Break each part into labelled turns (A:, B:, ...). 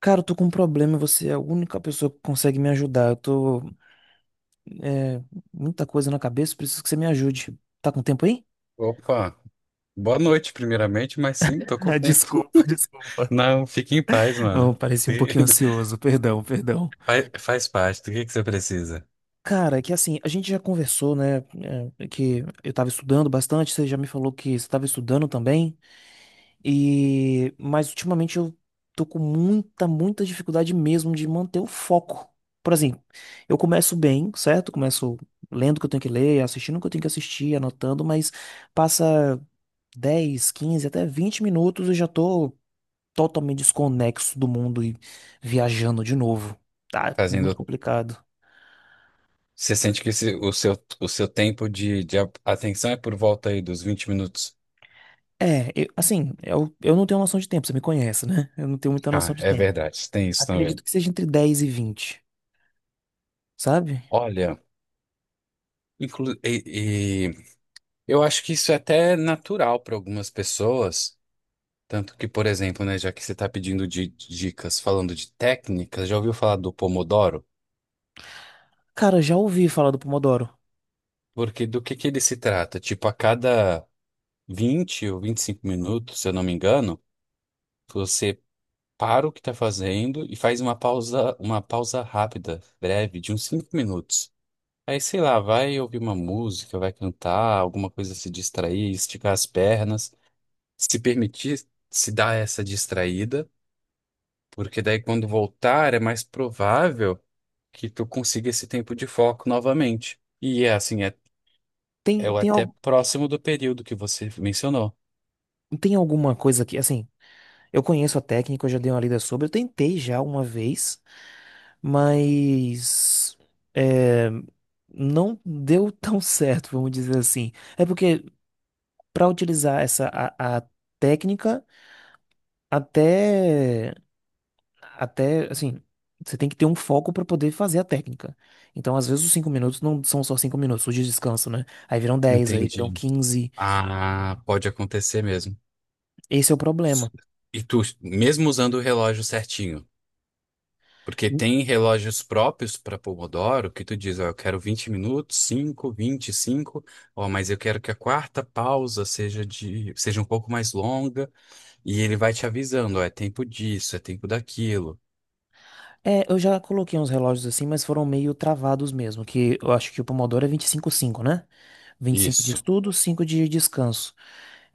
A: Cara, eu tô com um problema, e você é a única pessoa que consegue me ajudar. É, muita coisa na cabeça, preciso que você me ajude. Tá com tempo aí?
B: Opa, boa noite, primeiramente, mas sim, tô com
A: Ah,
B: tempo.
A: desculpa, desculpa.
B: Não, fique em paz, mano.
A: Não, pareci um pouquinho ansioso. Perdão, perdão.
B: Faz parte do que você precisa.
A: Cara, é que assim, a gente já conversou, né? É que eu tava estudando bastante, você já me falou que você tava estudando também. E mas ultimamente eu tô com muita, muita dificuldade mesmo de manter o foco. Por exemplo, eu começo bem, certo? Começo lendo o que eu tenho que ler, assistindo o que eu tenho que assistir, anotando, mas passa 10, 15, até 20 minutos eu já tô totalmente desconexo do mundo e viajando de novo. Tá muito
B: Fazendo,
A: complicado.
B: Você sente que o seu tempo de atenção é por volta aí dos 20 minutos.
A: É, assim, eu não tenho noção de tempo, você me conhece, né? Eu não tenho muita noção
B: Ah,
A: de
B: é
A: tempo.
B: verdade, tem isso também.
A: Acredito que seja entre 10 e 20, sabe?
B: Olha, e eu acho que isso é até natural para algumas pessoas. Tanto que, por exemplo, né, já que você está pedindo dicas falando de técnicas, já ouviu falar do Pomodoro?
A: Cara, já ouvi falar do Pomodoro.
B: Porque do que ele se trata? Tipo, a cada 20 ou 25 minutos, se eu não me engano, você para o que está fazendo e faz uma pausa rápida, breve, de uns 5 minutos. Aí, sei lá, vai ouvir uma música, vai cantar, alguma coisa se distrair, esticar as pernas, se permitir se dar essa distraída, porque daí quando voltar é mais provável que tu consiga esse tempo de foco novamente. E é assim, é
A: Tem, tem,
B: até
A: al-
B: próximo do período que você mencionou.
A: tem alguma coisa que, assim, eu conheço a técnica, eu já dei uma lida sobre, eu tentei já uma vez, mas é, não deu tão certo, vamos dizer assim. É porque para utilizar essa a técnica, até, até, assim, você tem que ter um foco para poder fazer a técnica. Então, às vezes, os 5 minutos não são só 5 minutos, os de descanso, né? Aí viram 10, aí viram
B: Entendi.
A: 15.
B: Ah, pode acontecer mesmo.
A: Esse é o problema.
B: E tu, mesmo usando o relógio certinho, porque tem relógios próprios para Pomodoro que tu diz, ó, eu quero 20 minutos, cinco, ó, mas eu quero que a quarta pausa seja um pouco mais longa, e ele vai te avisando, ó, é tempo disso, é tempo daquilo.
A: É, eu já coloquei uns relógios assim, mas foram meio travados mesmo, que eu acho que o Pomodoro é 25 5, né? 25 de
B: Isso.
A: estudo, 5 de descanso.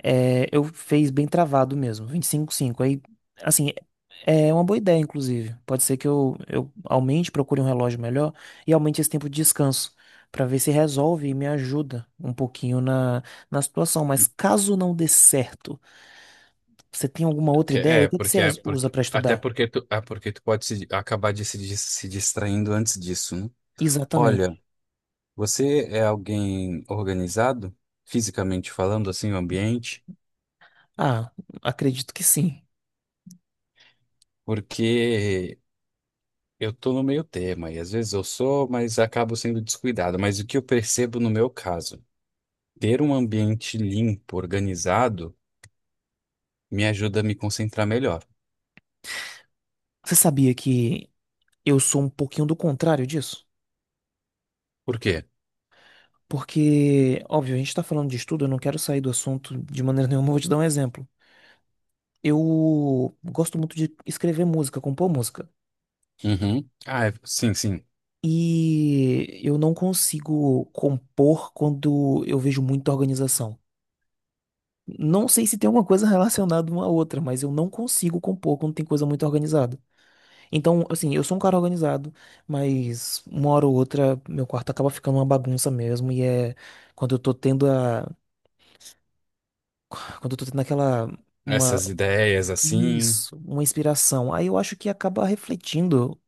A: É, eu fiz bem travado mesmo, 25 5. Aí, assim, é uma boa ideia, inclusive. Pode ser que eu aumente, procure um relógio melhor e aumente esse tempo de descanso, pra ver se resolve e me ajuda um pouquinho na situação. Mas caso não dê certo, você tem alguma outra ideia? O
B: É,
A: que que você
B: porque
A: usa pra
B: até
A: estudar?
B: porque tu, é porque tu pode acabar de se, dis- se distraindo antes disso, né? Olha,
A: Exatamente.
B: você é alguém organizado, fisicamente falando, assim, o ambiente?
A: Ah, acredito que sim.
B: Porque eu tô no meio tema e às vezes eu sou, mas acabo sendo descuidado. Mas o que eu percebo no meu caso, ter um ambiente limpo, organizado, me ajuda a me concentrar melhor.
A: Você sabia que eu sou um pouquinho do contrário disso?
B: Por quê?
A: Porque, óbvio, a gente tá falando de estudo, eu não quero sair do assunto de maneira nenhuma, eu vou te dar um exemplo. Eu gosto muito de escrever música, compor música.
B: Uhum. Ah, sim, sim.
A: E eu não consigo compor quando eu vejo muita organização. Não sei se tem alguma coisa relacionada uma à outra, mas eu não consigo compor quando tem coisa muito organizada. Então, assim, eu sou um cara organizado, mas uma hora ou outra meu quarto acaba ficando uma bagunça mesmo e é quando eu tô tendo a quando eu tô tendo aquela uma
B: Essas ideias assim.
A: isso, uma inspiração. Aí eu acho que acaba refletindo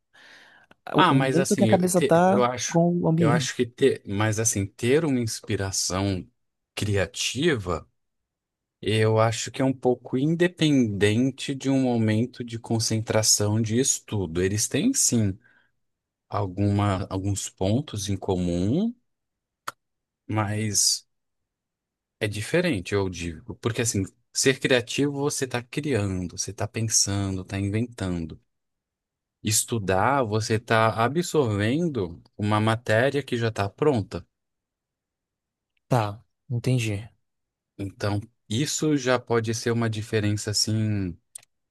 A: o,
B: Ah,
A: o
B: mas
A: momento que a
B: assim,
A: cabeça tá com o
B: eu acho
A: ambiente.
B: que ter, mas assim, ter uma inspiração criativa. Eu acho que é um pouco independente de um momento de concentração de estudo. Eles têm, sim, alguns pontos em comum, mas é diferente, eu digo. Porque, assim, ser criativo, você está criando, você está pensando, está inventando. Estudar, você está absorvendo uma matéria que já está pronta.
A: Tá, entendi.
B: Então, isso já pode ser uma diferença, assim,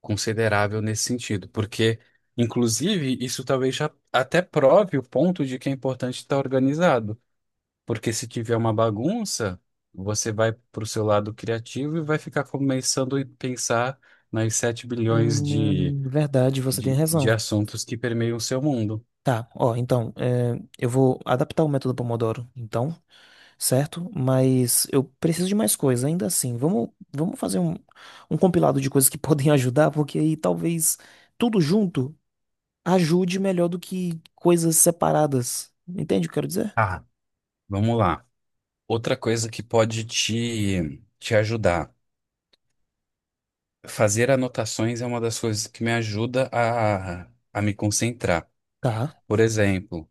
B: considerável nesse sentido, porque, inclusive, isso talvez já até prove o ponto de que é importante estar organizado, porque se tiver uma bagunça, você vai para o seu lado criativo e vai ficar começando a pensar nas 7 bilhões de,
A: Verdade, você tem
B: de
A: razão.
B: assuntos que permeiam o seu mundo.
A: Tá, ó, então, eu vou adaptar o método Pomodoro, então, certo? Mas eu preciso de mais coisa, ainda assim. Vamos fazer um compilado de coisas que podem ajudar, porque aí talvez tudo junto ajude melhor do que coisas separadas. Entende o que eu quero dizer?
B: Ah, vamos lá. Outra coisa que pode te ajudar. Fazer anotações é uma das coisas que me ajuda a me concentrar.
A: Tá.
B: Por exemplo,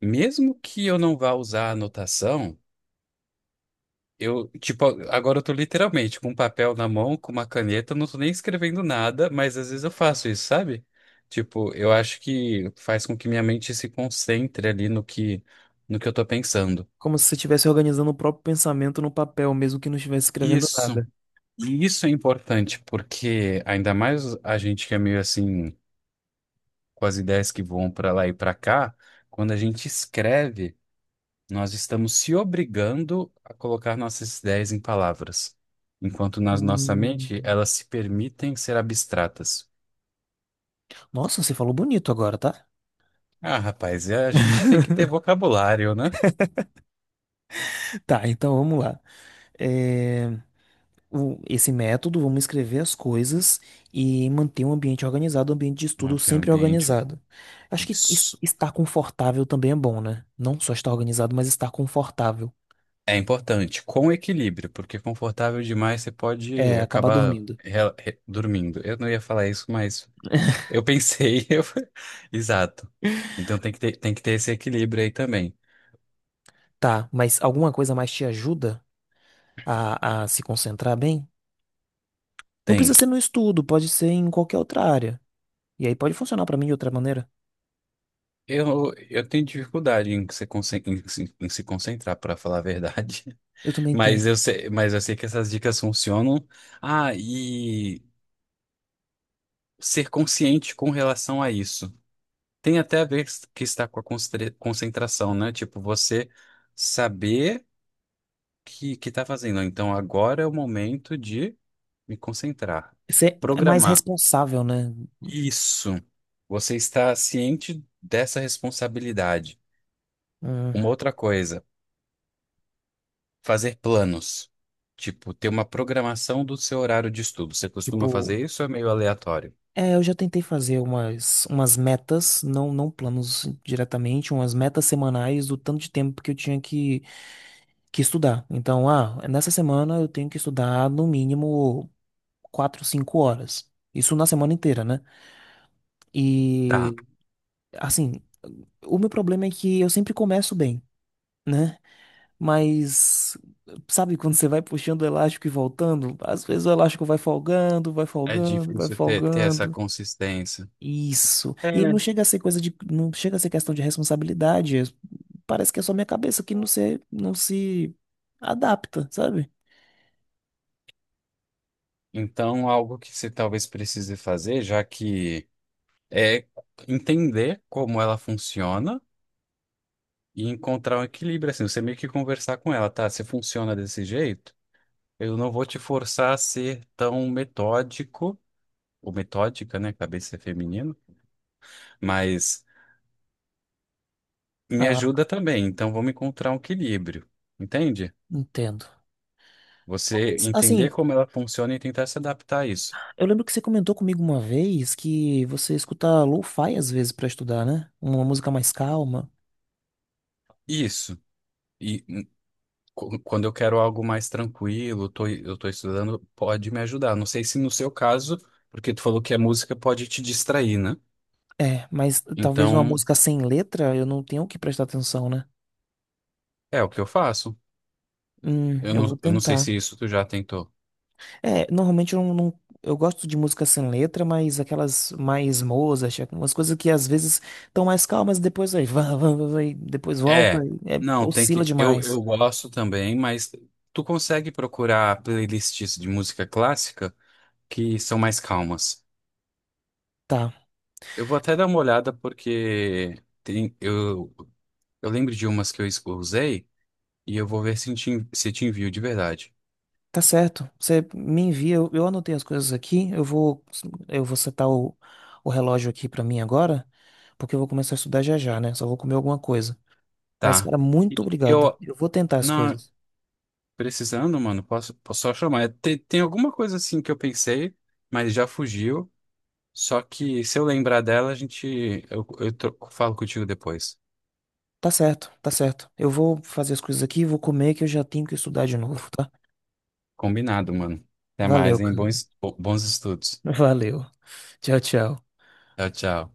B: mesmo que eu não vá usar a anotação, eu, tipo, agora eu tô literalmente com um papel na mão, com uma caneta, eu não tô nem escrevendo nada, mas às vezes eu faço isso, sabe? Tipo, eu acho que faz com que minha mente se concentre ali no que, no que eu tô pensando.
A: Como se você estivesse organizando o próprio pensamento no papel, mesmo que não estivesse escrevendo
B: Isso.
A: nada.
B: E isso é importante, porque ainda mais a gente que é meio assim, com as ideias que vão pra lá e pra cá, quando a gente escreve. Nós estamos se obrigando a colocar nossas ideias em palavras, enquanto na nossa
A: Hum.
B: mente elas se permitem ser abstratas.
A: Nossa, você falou bonito agora, tá?
B: Ah, rapaz, a gente tem que ter vocabulário, né?
A: Tá, então vamos lá. Esse método, vamos escrever as coisas e manter um ambiente organizado, um ambiente de estudo
B: Manter o
A: sempre
B: ambiente.
A: organizado. Acho que
B: Isso
A: estar confortável também é bom, né? Não só estar organizado, mas estar confortável.
B: é importante, com equilíbrio, porque confortável demais você pode
A: É, acabar
B: acabar
A: dormindo.
B: dormindo. Eu não ia falar isso, mas eu pensei. Exato. Então tem que ter esse equilíbrio aí também.
A: Tá, mas alguma coisa mais te ajuda a se concentrar bem? Não precisa
B: Tem.
A: ser no estudo, pode ser em qualquer outra área. E aí pode funcionar pra mim de outra maneira.
B: Eu tenho dificuldade em se, conce- em se concentrar, para falar a verdade.
A: Eu também tenho.
B: Mas eu sei que essas dicas funcionam. Ah, e ser consciente com relação a isso. Tem até a ver que está com a concentração, né? Tipo, você saber que está fazendo. Então, agora é o momento de me concentrar.
A: Você é mais
B: Programar.
A: responsável, né?
B: Isso. Você está ciente dessa responsabilidade.
A: Hum,
B: Uma outra coisa. Fazer planos. Tipo, ter uma programação do seu horário de estudo. Você costuma
A: tipo.
B: fazer isso ou é meio aleatório?
A: É, eu já tentei fazer umas metas, não, não planos diretamente, umas metas semanais do tanto de tempo que eu tinha que estudar. Então, nessa semana eu tenho que estudar no mínimo 4 5 horas. Isso na semana inteira, né?
B: Tá.
A: E, assim, o meu problema é que eu sempre começo bem, né? Mas, sabe, quando você vai puxando o elástico e voltando, às vezes o elástico vai folgando, vai
B: É
A: folgando, vai
B: difícil ter, ter essa
A: folgando.
B: consistência.
A: Isso.
B: É.
A: E aí não chega a ser coisa de, não chega a ser questão de responsabilidade. Parece que é só minha cabeça que não se adapta, sabe?
B: Então, algo que você talvez precise fazer, já que é entender como ela funciona e encontrar um equilíbrio, assim, você meio que conversar com ela, tá? Se funciona desse jeito, eu não vou te forçar a ser tão metódico, ou metódica, né? Cabeça é feminino, mas me
A: Ah,
B: ajuda também, então vamos encontrar um equilíbrio, entende?
A: entendo.
B: Você
A: Mas,
B: entender
A: assim,
B: como ela funciona e tentar se adaptar a isso.
A: eu lembro que você comentou comigo uma vez que você escuta lo-fi às vezes pra estudar, né? Uma música mais calma.
B: Isso. E quando eu quero algo mais tranquilo, eu tô estudando, pode me ajudar. Não sei se no seu caso, porque tu falou que a música pode te distrair, né?
A: É, mas talvez uma
B: Então,
A: música sem letra eu não tenha o que prestar atenção, né?
B: é o que eu faço. Eu
A: Eu
B: não,
A: vou
B: eu não sei
A: tentar.
B: se isso tu já tentou.
A: É, normalmente eu não, não- eu gosto de música sem letra, mas aquelas mais Mozart, umas coisas que às vezes estão mais calmas, depois aí, vá, vá, vá, vai, depois volta,
B: É,
A: e
B: não, tem
A: oscila
B: que. Eu,
A: demais.
B: eu gosto também, mas tu consegue procurar playlists de música clássica que são mais calmas.
A: Tá,
B: Eu vou até dar uma olhada porque tem, eu, eu lembro de umas que eu usei, e eu vou ver se te envio de verdade.
A: tá certo. Você me envia, eu anotei as coisas aqui, eu vou setar o relógio aqui pra mim agora, porque eu vou começar a estudar já já, né? Só vou comer alguma coisa. Mas,
B: Tá.
A: cara,
B: E
A: muito obrigado.
B: Eu,
A: Eu vou tentar as
B: não,
A: coisas.
B: precisando, mano, posso só chamar. Tem alguma coisa assim que eu pensei, mas já fugiu. Só que se eu lembrar dela, eu falo contigo depois.
A: Tá certo, tá certo. Eu vou fazer as coisas aqui, vou comer, que eu já tenho que estudar de novo, tá?
B: Combinado, mano. Até
A: Valeu,
B: mais, hein?
A: cara.
B: Bons estudos.
A: Valeu. Tchau, tchau.
B: Tchau, tchau.